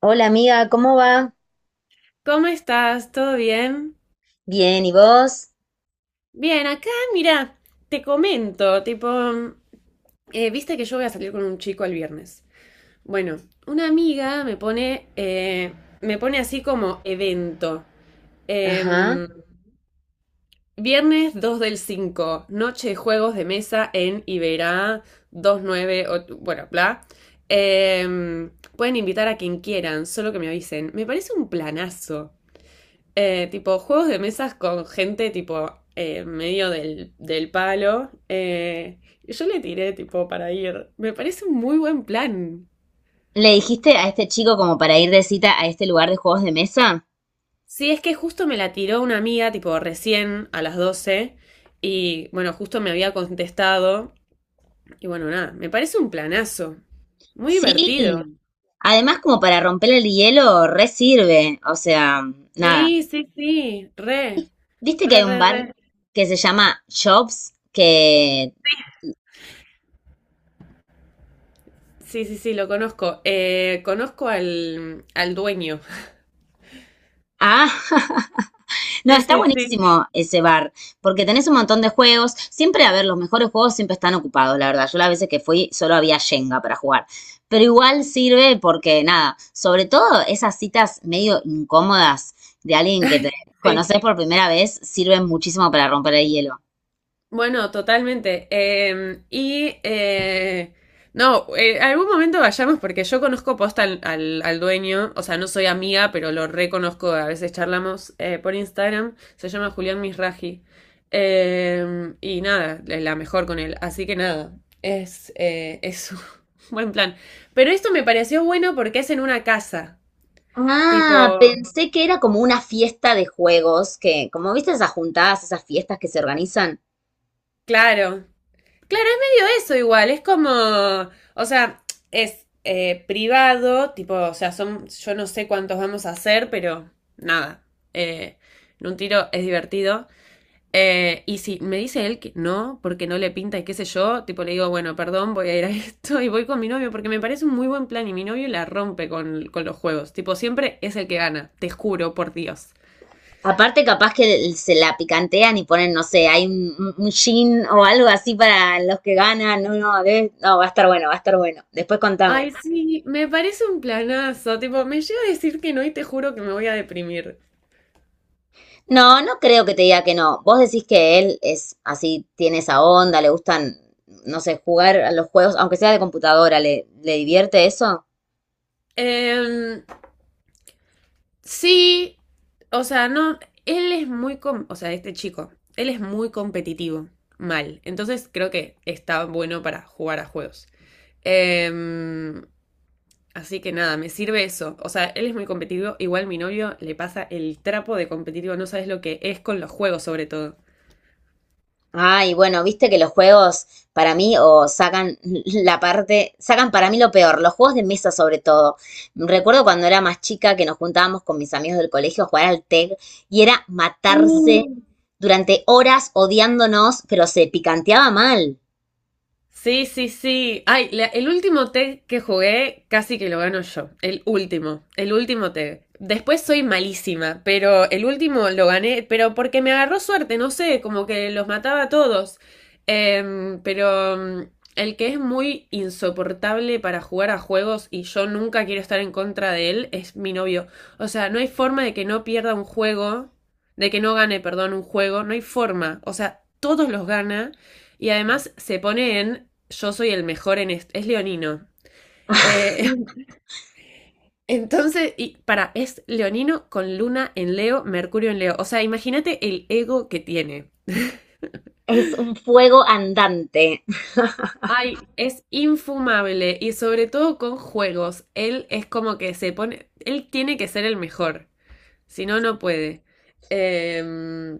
Hola amiga, ¿cómo va? ¿Cómo estás? ¿Todo bien? Bien, ¿y vos? Bien, acá, mira, te comento, tipo, viste que yo voy a salir con un chico el viernes. Bueno, una amiga me pone así como evento. Ajá. Em, viernes 2/5, noche de juegos de mesa en Iberá 29, bueno, bla. Em, pueden invitar a quien quieran, solo que me avisen. Me parece un planazo. Tipo, juegos de mesas con gente, tipo, medio del palo. Y yo le tiré, tipo, para ir. Me parece un muy buen plan. ¿Le dijiste a este chico como para ir de cita a este lugar de juegos de mesa? Sí, es que justo me la tiró una amiga, tipo, recién a las 12. Y bueno, justo me había contestado. Y bueno, nada, me parece un planazo. Muy divertido. Sí. Además, como para romper el hielo, re sirve. O sea, nada. Sí, sí, sí, re, ¿Viste que hay re, un re, bar re. que se llama Shops? Que... Sí, sí, sí, lo conozco. Conozco al dueño. Ah, No, Sí, está sí, sí, buenísimo ese bar, porque tenés un montón de juegos. Siempre, a ver, los mejores juegos siempre están ocupados, la verdad. Yo las veces que fui solo había Jenga para jugar. Pero igual sirve porque, nada, sobre todo esas citas medio incómodas de alguien que te sí. conoces por primera vez sirven muchísimo para romper el hielo. Bueno, totalmente. No, algún momento vayamos porque yo conozco posta al dueño, o sea, no soy amiga, pero lo reconozco, a veces charlamos por Instagram, se llama Julián Misraji. Y nada, la mejor con él, así que nada, es un buen plan. Pero esto me pareció bueno porque es en una casa, Ah, tipo, pensé que era como una fiesta de juegos, que como viste esas juntadas, esas fiestas que se organizan. claro. Claro, es medio eso igual, es como, o sea, es privado, tipo, o sea, son, yo no sé cuántos vamos a hacer, pero nada, eh, en un tiro es divertido. Y si me dice él que no, porque no le pinta y qué sé yo, tipo le digo, bueno, perdón, voy a ir a esto y voy con mi novio, porque me parece un muy buen plan y mi novio la rompe con los juegos, tipo, siempre es el que gana, te juro, por Dios. Aparte, capaz que se la picantean y ponen, no sé, hay un gin o algo así para los que ganan. No, no, no, va a estar bueno, va a estar bueno. Después contame. Ay, sí, me parece un planazo, tipo, me llega a decir que no y te juro que me voy a deprimir. No, no creo que te diga que no. Vos decís que él es así, tiene esa onda, le gustan, no sé, jugar a los juegos, aunque sea de computadora, ¿le divierte eso? Em, sí, o sea, no, él es muy, com- o sea, este chico, él es muy competitivo, mal. Entonces creo que está bueno para jugar a juegos. Em, así que nada, me sirve eso. O sea, él es muy competitivo, igual mi novio le pasa el trapo de competitivo, no sabes lo que es con los juegos sobre todo. Ay, bueno, viste que los juegos para mí o sacan la parte, sacan para mí lo peor, los juegos de mesa sobre todo. Recuerdo cuando era más chica que nos juntábamos con mis amigos del colegio a jugar al TEG y era matarse Uh. durante horas odiándonos, pero se picanteaba mal. Sí, sí, sí. Ay, el último TEG que jugué casi que lo gano yo. El último TEG. Después soy malísima, pero el último lo gané, pero porque me agarró suerte, no sé, como que los mataba a todos. Em, pero mm, el que es muy insoportable para jugar a juegos y yo nunca quiero estar en contra de él es mi novio. O sea, no hay forma de que no pierda un juego, de que no gane, perdón, un juego, no hay forma. O sea, todos los gana. Y además se pone en yo soy el mejor en esto. Es leonino. Eh, entonces, y para, es leonino con luna en Leo, Mercurio en Leo. O sea, imagínate el ego que tiene. Es un fuego andante. Ay, es infumable y sobre todo con juegos. Él es como que se pone, él tiene que ser el mejor, si no, no puede. Em,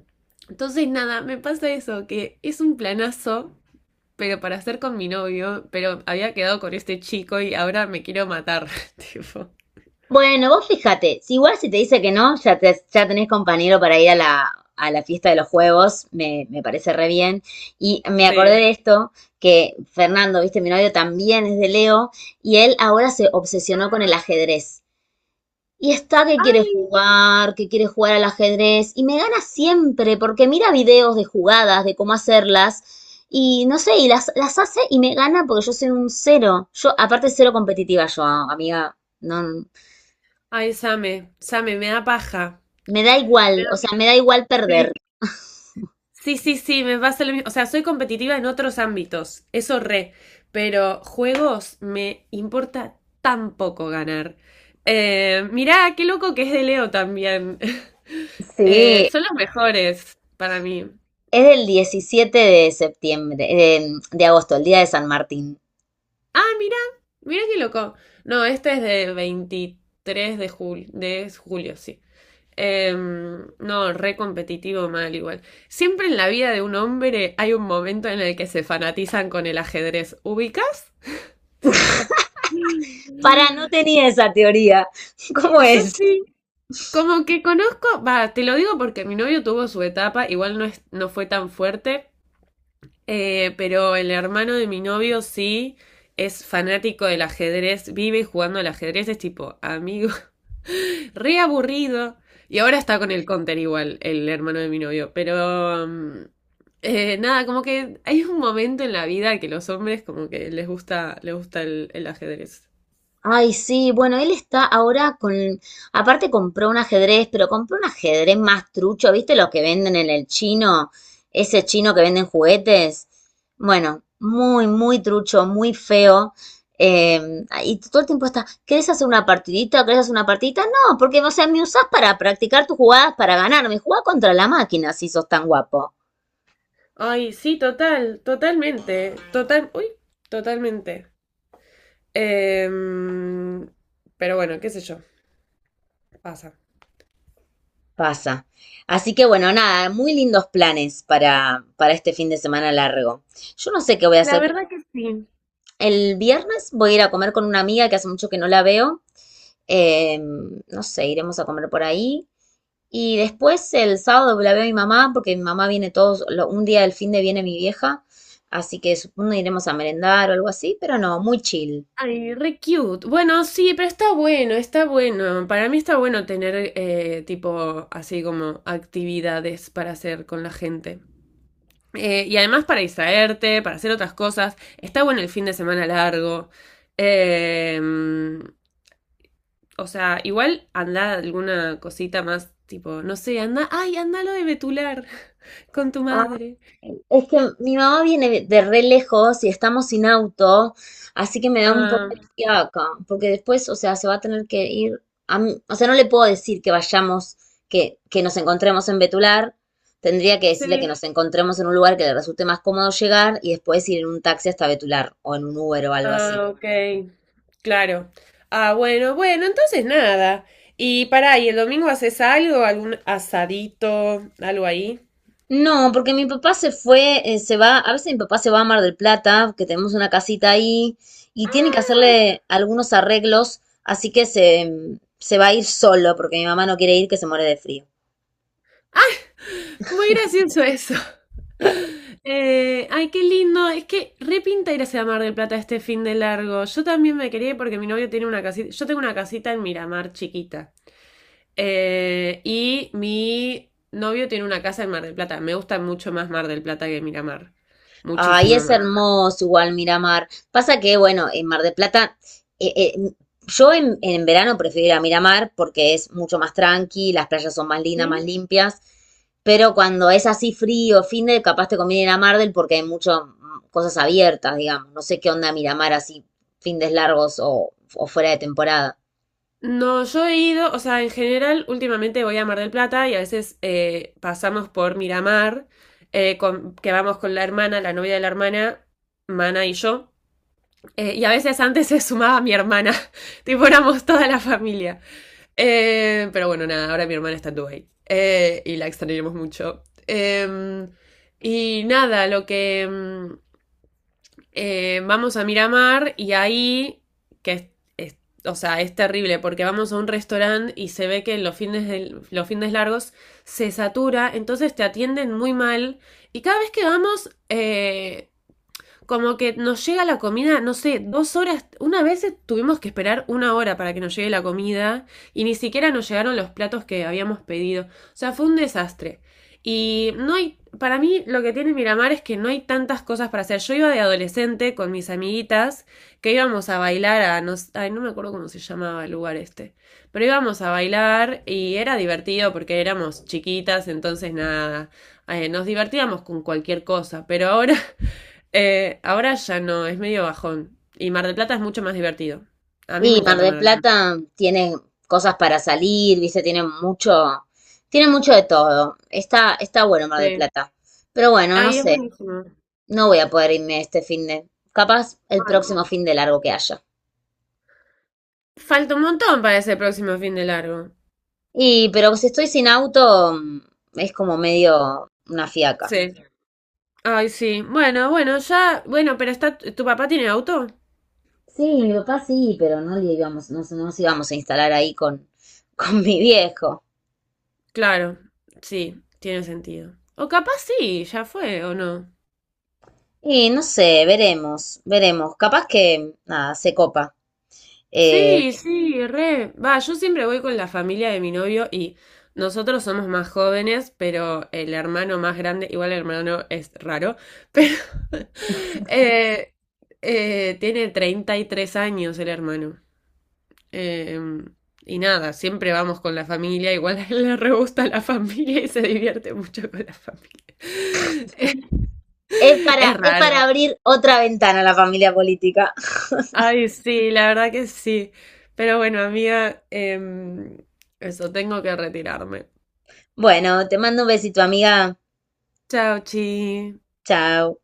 entonces, nada, me pasa eso, que es un planazo pero para estar con mi novio, pero había quedado con este chico y ahora me quiero matar, tipo. Bueno, vos fíjate, si igual si te dice que no, ya, ya tenés compañero para ir a la fiesta de los juegos, me parece re bien. Y me acordé Sí. de esto, que Fernando, viste, mi novio también es de Leo, y él ahora se obsesionó con el ajedrez. Y está Ay, que quiere jugar al ajedrez, y me gana siempre, porque mira videos de jugadas, de cómo hacerlas, y no sé, y las hace y me gana porque yo soy un cero. Yo, aparte, cero competitiva yo, amiga. No, ay, Same, Same, me da paja. me da igual, o sea, me da igual perder. Sí. Sí, sí, sí, me pasa lo mismo. O sea, soy competitiva en otros ámbitos, eso re, pero juegos me importa tan poco ganar. Mirá, qué loco que es de Leo también. Eh, Sí, son los mejores para mí. es del 17 de septiembre, de agosto, el día de San Martín. Ah, mira, mira qué loco. No, este es de 23 de julio, de julio, sí. No, re competitivo mal igual. Siempre en la vida de un hombre hay un momento en el que se fanatizan con el ajedrez. ¿Ubicas? Tipo. Para, no tenía esa teoría. ¿Cómo Yo es? sí, como que conozco, va, te lo digo porque mi novio tuvo su etapa, igual no es, no fue tan fuerte. Pero el hermano de mi novio sí es fanático del ajedrez, vive jugando al ajedrez, es tipo, amigo, re aburrido. Y ahora está con el counter igual, el hermano de mi novio. Pero nada, como que hay un momento en la vida que los hombres como que les gusta el ajedrez. Ay, sí, bueno, él está ahora con, aparte compró un ajedrez, pero compró un ajedrez más trucho, ¿viste los que venden en el chino? Ese chino que venden juguetes. Bueno, muy, muy trucho, muy feo. Y todo el tiempo está, ¿querés hacer una partidita? ¿Querés hacer una partidita? No, porque, o sea, me usás para practicar tus jugadas para ganarme. Jugá contra la máquina si sos tan guapo. Ay, sí, total, totalmente, total, uy, totalmente. Em, pero bueno, qué sé yo, pasa. Pasa. Así que bueno, nada, muy lindos planes para este fin de semana largo. Yo no sé qué voy a La hacer. verdad que sí. El viernes voy a ir a comer con una amiga que hace mucho que no la veo. No sé, iremos a comer por ahí. Y después el sábado la veo a mi mamá, porque mi mamá viene todos, un día del fin de viene mi vieja, así que supongo iremos a merendar o algo así, pero no, muy chill. Ay, re cute. Bueno, sí, pero está bueno, está bueno. Para mí está bueno tener tipo así como actividades para hacer con la gente. Y además para distraerte, para hacer otras cosas. Está bueno el fin de semana largo. Eh, o sea, igual anda alguna cosita más tipo, no sé, anda, ay, anda lo de Betular con tu madre. Es que mi mamá viene de re lejos y estamos sin auto, así que me da un poco de Ah, fiaca, porque después, o sea, se va a tener que ir a o sea, no le puedo decir que vayamos, que nos encontremos en Betular, tendría que decirle que sí. nos encontremos en un lugar que le resulte más cómodo llegar y después ir en un taxi hasta Betular o en un Uber o algo así. Ah, ok. Claro. Ah, bueno, bueno, entonces nada. Y pará, ¿y el domingo haces algo? ¿Algún asadito? ¿Algo ahí? No, porque mi papá se fue, se va, a veces mi papá se va a Mar del Plata, que tenemos una casita ahí, y tiene que hacerle algunos arreglos, así que se va a ir solo, porque mi mamá no quiere ir, que se muere de frío. Ay, muy gracioso eso. Ay, qué lindo. Es que repinta irse a Mar del Plata este fin de largo. Yo también me quería ir porque mi novio tiene una casita. Yo tengo una casita en Miramar chiquita. Y mi novio tiene una casa en Mar del Plata. Me gusta mucho más Mar del Plata que Miramar. Ay, Muchísimo es más. hermoso igual Miramar. Pasa que, bueno, en Mar del Plata, eh, eh, yo en verano prefiero ir a Miramar porque es mucho más tranqui, las playas son más lindas, más limpias, pero cuando es así frío, fin de, capaz te conviene ir a Mar del porque hay muchas cosas abiertas, digamos. No sé qué onda Miramar así, fines largos o fuera de temporada. No, yo he ido, o sea, en general, últimamente voy a Mar del Plata y a veces pasamos por Miramar, que vamos con la hermana, la novia de la hermana, Mana y yo. Y a veces antes se sumaba mi hermana, tipo éramos toda la familia. Pero bueno, nada, ahora mi hermana está en Dubái y la extrañamos mucho. Y nada, lo que, vamos a Miramar y ahí, que es, es- o sea, es terrible porque vamos a un restaurante y se ve que de los fines largos se satura, entonces te atienden muy mal y cada vez que vamos como que nos llega la comida, no sé, 2 horas, una vez tuvimos que esperar una hora para que nos llegue la comida y ni siquiera nos llegaron los platos que habíamos pedido. O sea, fue un desastre. Y no hay, para mí lo que tiene Miramar es que no hay tantas cosas para hacer. Yo iba de adolescente con mis amiguitas que íbamos a bailar a, no, ay, no me acuerdo cómo se llamaba el lugar este, pero íbamos a bailar y era divertido porque éramos chiquitas, entonces nada, nos divertíamos con cualquier cosa, pero ahora... Ahora ya no, es medio bajón. Y Mar del Plata es mucho más divertido. A mí me Y Mar encanta del Mar del Plata. Plata tiene cosas para salir, viste, tiene mucho de todo. Está, está bueno Mar del Sí. Plata. Pero bueno, no Ay, es sé, buenísimo. no voy a poder irme este fin de, capaz el Ay, próximo fin de largo que haya. falta un montón para ese próximo fin de largo. Y, pero si estoy sin auto, mm, es como medio una fiaca. Sí. Ay, sí. Bueno, bueno, ya. Bueno, pero está. ¿Tu papá tiene auto? Sí, mi papá sí, pero no le íbamos, no, no nos íbamos a instalar ahí con, con mi viejo. Claro. Sí, tiene sentido. O capaz sí, ya fue, ¿o no? Y no sé, veremos, veremos. Capaz que, nada, se copa. Eh, Sí, sí, re. Va, yo siempre voy con la familia de mi novio y nosotros somos más jóvenes, pero el hermano más grande, igual el hermano es raro, pero eh, tiene 33 años el hermano. Eh, y nada, siempre vamos con la familia, igual a él le re gusta la familia y se divierte mucho con la familia. Es es raro. para abrir otra ventana a la familia política. Ay, sí, la verdad que sí. Pero bueno, amiga, eso, tengo que retirarme. Bueno, te mando un besito, amiga. Chao, chi. Chao.